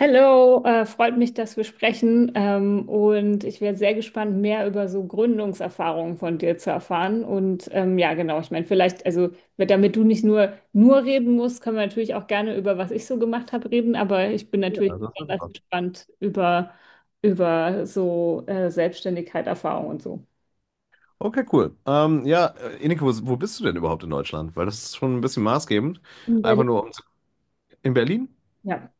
Hallo, freut mich, dass wir sprechen. Und ich wäre sehr gespannt, mehr über so Gründungserfahrungen von dir zu erfahren. Und ja, genau, ich meine, vielleicht, also damit du nicht nur reden musst, können wir natürlich auch gerne über was ich so gemacht habe reden. Aber ich bin Ja, natürlich das ist besonders einfach. gespannt über so Selbstständigkeit, Erfahrung und so. Okay, cool. Ja, Ineke, wo bist du denn überhaupt in Deutschland? Weil das ist schon ein bisschen maßgebend. Und bei Einfach dir- nur um zu- in Berlin? Ja.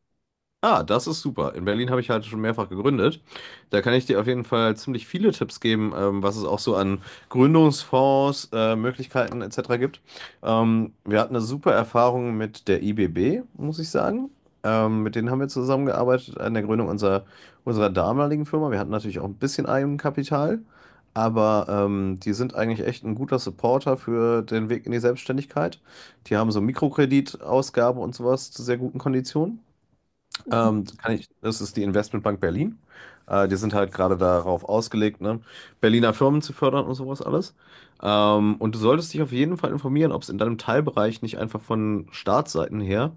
Ah, das ist super. In Berlin habe ich halt schon mehrfach gegründet. Da kann ich dir auf jeden Fall ziemlich viele Tipps geben, was es auch so an Gründungsfonds, Möglichkeiten etc. gibt. Wir hatten eine super Erfahrung mit der IBB, muss ich sagen. Mit denen haben wir zusammengearbeitet an der Gründung unserer damaligen Firma. Wir hatten natürlich auch ein bisschen Eigenkapital, aber die sind eigentlich echt ein guter Supporter für den Weg in die Selbstständigkeit. Die haben so Mikrokreditausgabe und sowas zu sehr guten Konditionen. Kann ich, das ist die Investmentbank Berlin. Die sind halt gerade darauf ausgelegt, ne, Berliner Firmen zu fördern und sowas alles. Und du solltest dich auf jeden Fall informieren, ob es in deinem Teilbereich nicht einfach von Staatsseiten her,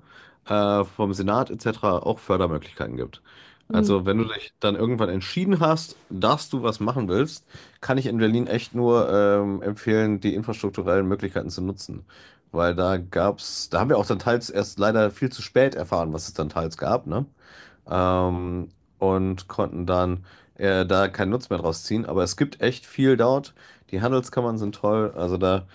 vom Senat etc. auch Fördermöglichkeiten gibt. Hm. Also wenn du dich dann irgendwann entschieden hast, dass du was machen willst, kann ich in Berlin echt nur empfehlen, die infrastrukturellen Möglichkeiten zu nutzen. Weil da gab's, da haben wir auch dann teils erst leider viel zu spät erfahren, was es dann teils gab, ne? ähm, und konnten dann da keinen Nutzen mehr draus ziehen. Aber es gibt echt viel dort. Die Handelskammern sind toll. Also da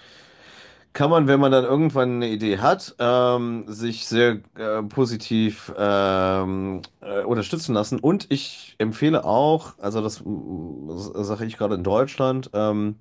kann man, wenn man dann irgendwann eine Idee hat, sich sehr positiv unterstützen lassen. Und ich empfehle auch, also das, das sage ich gerade in Deutschland,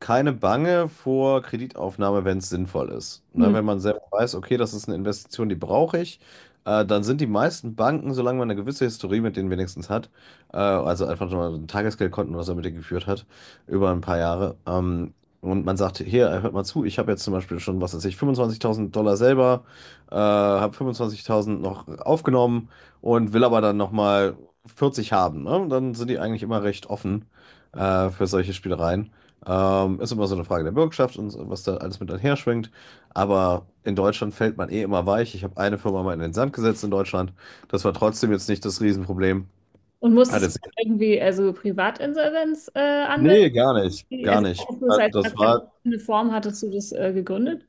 keine Bange vor Kreditaufnahme, wenn es sinnvoll ist. Ne, Hm. wenn man selber weiß, okay, das ist eine Investition, die brauche ich, dann sind die meisten Banken, solange man eine gewisse Historie mit denen wenigstens hat, also einfach nur ein Tagesgeldkonten, was er mit dir geführt hat, über ein paar Jahre, und man sagt, hier, hört mal zu, ich habe jetzt zum Beispiel schon, was weiß ich, $25.000 selber, habe 25.000 noch aufgenommen und will aber dann nochmal 40 haben, ne? Dann sind die eigentlich immer recht offen für solche Spielereien. Ist immer so eine Frage der Bürgschaft und so, was da alles mit einher schwingt. Aber in Deutschland fällt man eh immer weich. Ich habe eine Firma mal in den Sand gesetzt in Deutschland. Das war trotzdem jetzt nicht das Riesenproblem. Und Hat musstest jetzt, du irgendwie also Privatinsolvenz anmelden? nee, gar nicht. Gar Also, nicht. hast du das Hat- als, als Das war. eine Form hattest du das gegründet?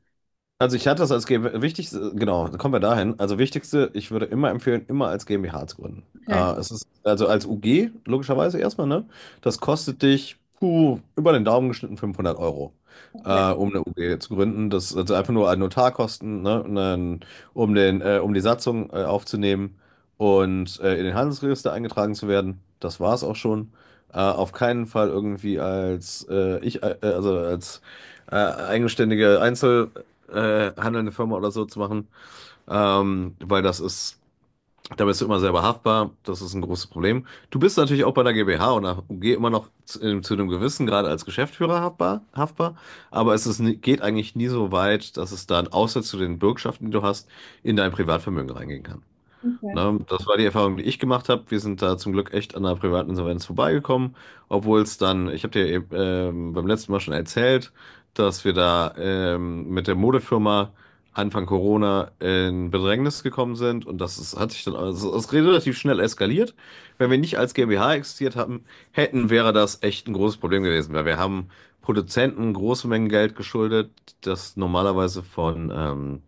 Also ich hatte das als GmbH, wichtig, genau, kommen wir dahin. Also wichtigste, ich würde immer empfehlen, immer als GmbH zu gründen. Okay, Es ist, also als UG, logischerweise erstmal, ne? Das kostet dich, puh, über den Daumen geschnitten 500 Euro, okay, um eine UG zu gründen. Das also einfach nur an Notarkosten, ne? Und dann, um den, um die Satzung, aufzunehmen und in den Handelsregister eingetragen zu werden. Das war es auch schon. Auf keinen Fall irgendwie als also als eigenständige Einzel handelnde Firma oder so zu machen, weil das ist, da bist du immer selber haftbar, das ist ein großes Problem. Du bist natürlich auch bei der GmbH und der UG immer noch zu einem gewissen Grad als Geschäftsführer haftbar, aber es ist, nie- geht eigentlich nie so weit, dass es dann, außer zu den Bürgschaften, die du hast, in dein Privatvermögen reingehen kann. okay. Ne? Das war die Erfahrung, die ich gemacht habe. Wir sind da zum Glück echt an einer privaten Insolvenz vorbeigekommen, obwohl es dann, ich habe dir eben, beim letzten Mal schon erzählt, dass wir da mit der Modefirma Anfang Corona in Bedrängnis gekommen sind und das ist, hat sich dann also, es ist relativ schnell eskaliert. Wenn wir nicht als GmbH existiert haben, hätten, wäre das echt ein großes Problem gewesen, weil wir haben Produzenten große Mengen Geld geschuldet, das normalerweise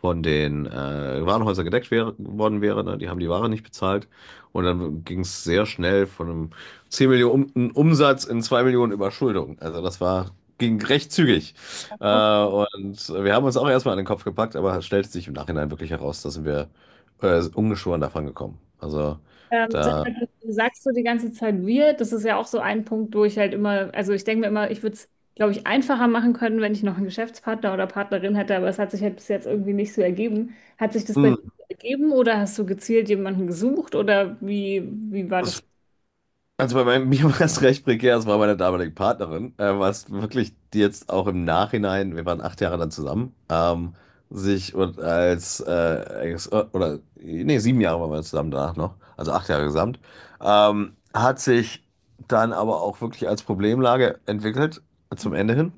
von den Warenhäusern gedeckt wär, worden wäre. Ne? Die haben die Ware nicht bezahlt. Und dann ging es sehr schnell von einem 10 Millionen Umsatz in 2 Millionen Überschuldung. Also das war, ging recht zügig. Und wir haben uns auch erstmal an den Kopf gepackt, aber es stellte sich im Nachhinein wirklich heraus, da sind wir ungeschoren davon gekommen. Also Sag da, mal, du sagst so die ganze Zeit wir, das ist ja auch so ein Punkt, wo ich halt immer, also ich denke mir immer, ich würde es, glaube ich, einfacher machen können, wenn ich noch einen Geschäftspartner oder Partnerin hätte, aber es hat sich halt bis jetzt irgendwie nicht so ergeben. Hat sich das bei dir Hm, so ergeben oder hast du gezielt jemanden gesucht oder wie, wie war das? das. Also bei meinem, mir war es recht prekär, es war meine damalige Partnerin, was wirklich die jetzt auch im Nachhinein, wir waren 8 Jahre dann zusammen, sich und als, als- oder nee, 7 Jahre waren wir zusammen danach noch, also 8 Jahre gesamt, hat sich dann aber auch wirklich als Problemlage entwickelt, zum Ende hin.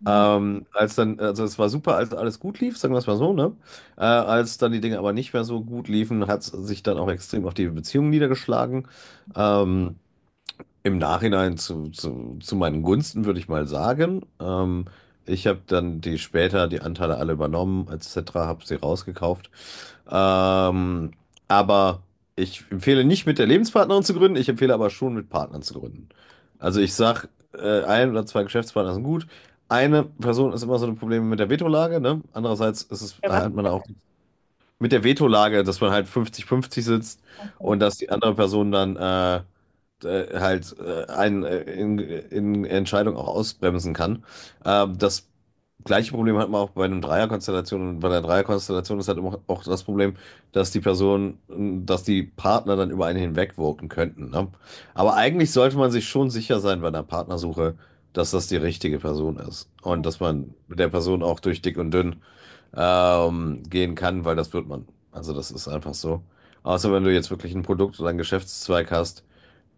Ja. Als dann, also es war super, als alles gut lief, sagen wir es mal so, ne? Als dann die Dinge aber nicht mehr so gut liefen, hat es sich dann auch extrem auf die Beziehung niedergeschlagen. Ähm, im Nachhinein zu meinen Gunsten, würde ich mal sagen. Ich habe dann die später die Anteile alle übernommen, etc., habe sie rausgekauft. Ähm, aber ich empfehle nicht mit der Lebenspartnerin zu gründen, ich empfehle aber schon mit Partnern zu gründen. Also ich sag, ein oder zwei Geschäftspartner sind gut. Eine Person ist immer so ein Problem mit der Vetolage, ne? Andererseits ist es, Ja. Was? hat man auch mit der Vetolage, dass man halt 50-50 sitzt und dass die andere Person dann halt einen in Entscheidung auch ausbremsen kann. Das gleiche Problem hat man auch bei einem Dreierkonstellation und bei der Dreierkonstellation ist halt immer auch das Problem, dass die Person, dass die Partner dann über einen hinwegwirken könnten. Ne? Aber eigentlich sollte man sich schon sicher sein bei einer Partnersuche, dass das die richtige Person ist und dass man mit der Person auch durch dick und dünn gehen kann, weil das wird man. Also das ist einfach so. Außer wenn du jetzt wirklich ein Produkt oder einen Geschäftszweig hast,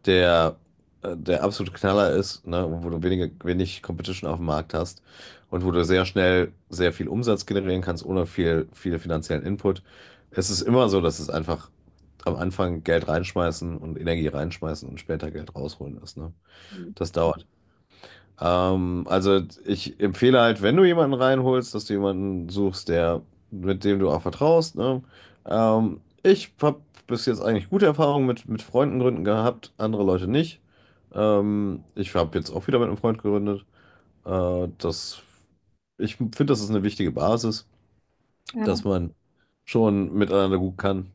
der der absolute Knaller ist, ne, wo du wenig Competition auf dem Markt hast und wo du sehr schnell sehr viel Umsatz generieren kannst, ohne viel, viel finanziellen Input. Es ist immer so, dass es einfach am Anfang Geld reinschmeißen und Energie reinschmeißen und später Geld rausholen ist, ne? Das dauert also ich empfehle halt, wenn du jemanden reinholst, dass du jemanden suchst, der, mit dem du auch vertraust, ne? Ich habe bis jetzt eigentlich gute Erfahrungen mit Freunden gründen gehabt, andere Leute nicht. Ich habe jetzt auch wieder mit einem Freund gegründet. Das, ich finde, das ist eine wichtige Basis, dass man schon miteinander gut kann.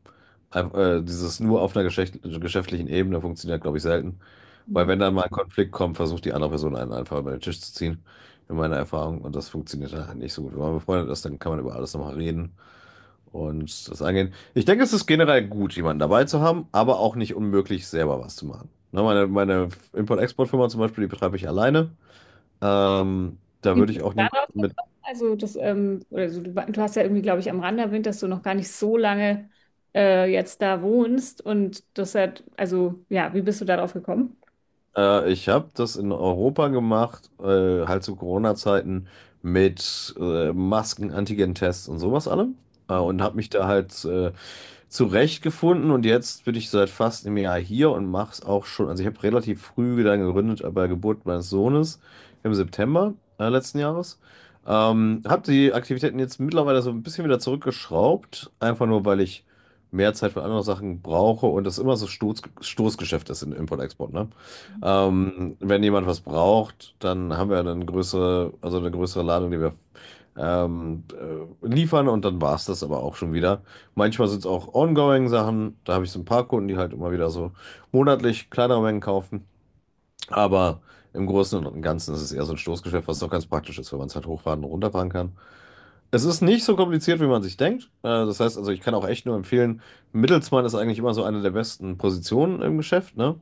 Einf- dieses nur auf einer geschäft- geschäftlichen Ebene funktioniert, glaube ich, selten. Weil Ja. wenn dann mal ein Konflikt kommt, versucht die andere Person einen einfach über den Tisch zu ziehen, in meiner Erfahrung. Und das funktioniert halt nicht so gut. Wenn man befreundet ist, dann kann man über alles nochmal reden und das angehen. Ich denke, es ist generell gut, jemanden dabei zu haben, aber auch nicht unmöglich, selber was zu machen. Ne, meine Import-Export-Firma zum Beispiel, die betreibe ich alleine. Da Wie würde ich bist du auch da drauf niemanden mit. gekommen? Also das, oder so, du hast ja irgendwie, glaube ich, am Rande erwähnt, dass du noch gar nicht so lange jetzt da wohnst und das hat, also ja, wie bist du darauf gekommen? Ich habe das in Europa gemacht, halt zu Corona-Zeiten mit Masken, Antigen-Tests und sowas allem. Und habe mich da halt zurechtgefunden und jetzt bin ich seit fast einem Jahr hier und mache es auch schon. Also ich habe relativ früh dann gegründet bei Geburt meines Sohnes im September letzten Jahres. Habe die Aktivitäten jetzt mittlerweile so ein bisschen wieder zurückgeschraubt, einfach nur weil ich mehr Zeit für andere Sachen brauche und das immer so Stoßgeschäft ist in Import-Export, ne? Wenn jemand was braucht, dann haben wir dann größere, also eine größere Ladung, die wir liefern und dann war es das aber auch schon wieder. Manchmal sind es auch ongoing Sachen. Da habe ich so ein paar Kunden, die halt immer wieder so monatlich kleinere Mengen kaufen. Aber im Großen und Ganzen ist es eher so ein Stoßgeschäft, was doch ganz praktisch ist, wenn man es halt hochfahren und runterfahren kann. Es ist nicht so kompliziert, wie man sich denkt. Das heißt, also ich kann auch echt nur empfehlen, Mittelsmann ist eigentlich immer so eine der besten Positionen im Geschäft, ne?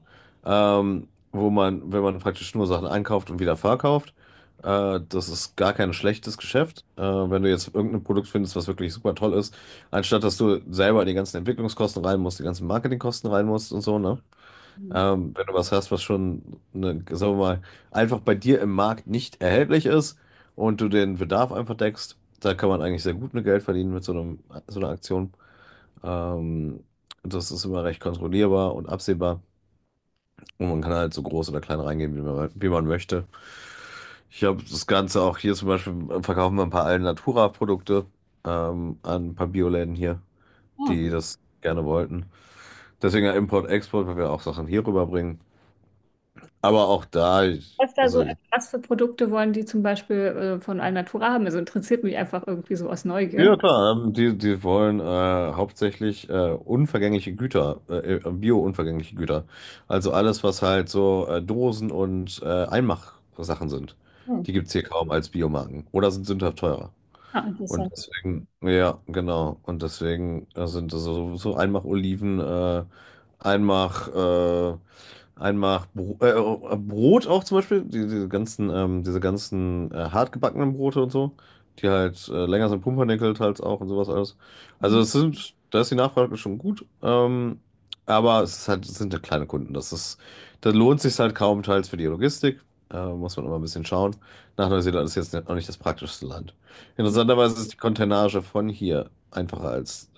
Ähm, wo man, wenn man praktisch nur Sachen einkauft und wieder verkauft, das ist gar kein schlechtes Geschäft. Wenn du jetzt irgendein Produkt findest, was wirklich super toll ist, anstatt dass du selber die ganzen Entwicklungskosten rein musst, die ganzen Marketingkosten rein musst und so, ne? Mhm. Wenn du was hast, was schon, ne, sagen wir mal, einfach bei dir im Markt nicht erhältlich ist und du den Bedarf einfach deckst, da kann man eigentlich sehr gut mit Geld verdienen mit so einem, so einer Aktion. Ähm, Das ist immer recht kontrollierbar und absehbar. Und man kann halt so groß oder klein reingehen, wie man möchte. Ich habe das Ganze auch hier zum Beispiel, verkaufen wir ein paar Alnatura-Produkte an ein paar Bioläden hier, Ah. die das gerne wollten. Deswegen ja Import-Export, weil wir auch Sachen hier rüberbringen. Aber auch da, ich, Was da so, also also was für Produkte wollen die zum Beispiel von Alnatura haben? Also interessiert mich einfach irgendwie so aus Neugier. ja, klar, die, die wollen hauptsächlich unvergängliche Güter, bio-unvergängliche Güter. Also alles, was halt so Dosen und Einmachsachen sind. Die Hm. gibt es hier kaum als Biomarken oder sind sündhaft teurer. Ja, Und interessant. deswegen, ja, genau. Und deswegen sind das so, so einmach Oliven, einmach, äh, einmach Brot auch zum Beispiel, die, diese ganzen hartgebackenen Brote und so, die halt länger sind, Pumpernickel halt auch und sowas alles. Also Mhm. es sind, da ist die Nachfrage schon gut, aber es ist halt, es sind ja kleine Kunden. Das ist, da lohnt sich halt kaum teils für die Logistik. Muss man immer ein bisschen schauen. Nach Neuseeland ist jetzt noch nicht das praktischste Land. Interessanterweise ist die Containage von hier einfacher als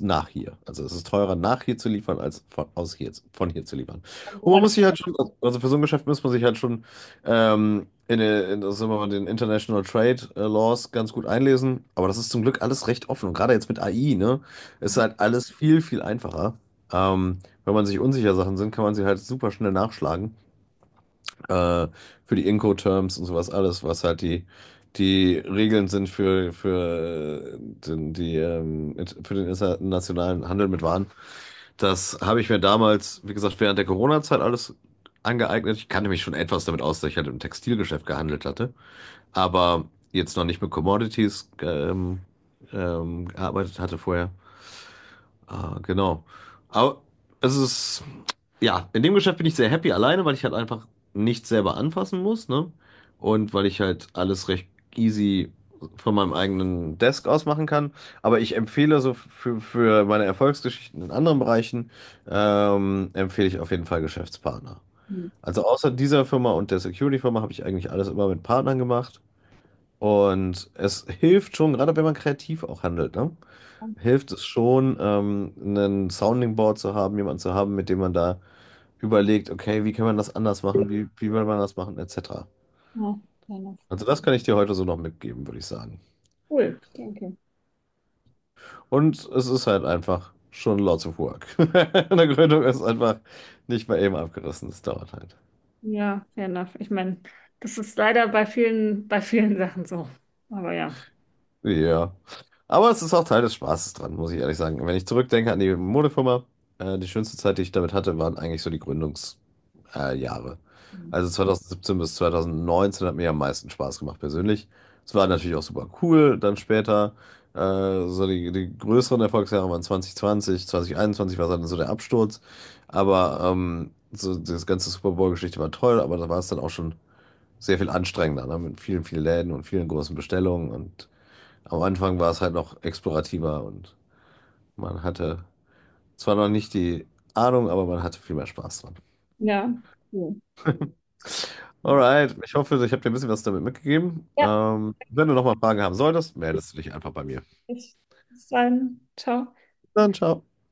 nach hier. Also es ist teurer, nach hier zu liefern, als von, aus hier, von hier zu liefern. Und Und man woran? muss sich halt schon, also für so ein Geschäft muss man sich halt schon das ist immer den International Trade Laws ganz gut einlesen. Aber das ist zum Glück alles recht offen. Und gerade jetzt mit AI, ne, ist halt alles viel einfacher. Ähm, Wenn man sich unsicher Sachen sind, kann man sie halt super schnell nachschlagen äh, für die Incoterms und sowas alles, was halt die, die Regeln sind für den internationalen Handel mit Waren. Das habe ich mir damals, wie gesagt, während der Corona-Zeit alles angeeignet. Ich kannte mich schon etwas damit aus, dass ich halt im Textilgeschäft gehandelt hatte, aber jetzt noch nicht mit Commodities gearbeitet hatte vorher. Ah, genau. Aber es ist ja, in dem Geschäft bin ich sehr happy alleine, weil ich halt einfach nichts selber anfassen muss, ne? Und weil ich halt alles recht easy von meinem eigenen Desk aus machen kann. Aber ich empfehle so für meine Erfolgsgeschichten in anderen Bereichen, empfehle ich auf jeden Fall Geschäftspartner. Mhm. Also außer dieser Firma und der Security-Firma habe ich eigentlich alles immer mit Partnern gemacht. Und es hilft schon, gerade wenn man kreativ auch handelt, ne? Hilft es schon, einen Sounding Board zu haben, jemanden zu haben, mit dem man da überlegt, okay, wie kann man das anders machen, wie will man das machen, etc. Ja, fair enough. Also das kann ich dir heute so noch mitgeben, würde ich sagen. Cool. Okay, okay. Und es ist halt einfach schon lots of work. Eine Gründung ist einfach nicht mal eben abgerissen, das dauert halt. Ja, fair enough. Ich meine, das ist leider bei vielen Sachen so. Aber ja. Ja. Aber es ist auch Teil des Spaßes dran, muss ich ehrlich sagen. Wenn ich zurückdenke an die Modefirma, die schönste Zeit, die ich damit hatte, waren eigentlich so die Jahre. Also 2017 bis 2019 hat mir am meisten Spaß gemacht persönlich. Es war natürlich auch super cool. Dann später, so die, die größeren Erfolgsjahre waren 2020, 2021 war dann so der Absturz. Aber so das ganze Super Bowl-Geschichte war toll, aber da war es dann auch schon sehr viel anstrengender, ne? Mit vielen, vielen Läden und vielen großen Bestellungen. Und am Anfang war es halt noch explorativer und man hatte zwar noch nicht die Ahnung, aber man hatte viel mehr Spaß dran. Ja, cool. Alright, ich hoffe, ich habe dir ein bisschen was damit mitgegeben. Ja, Wenn du nochmal Fragen haben solltest, meldest du dich einfach bei mir. bis dann. Ciao. Dann ciao.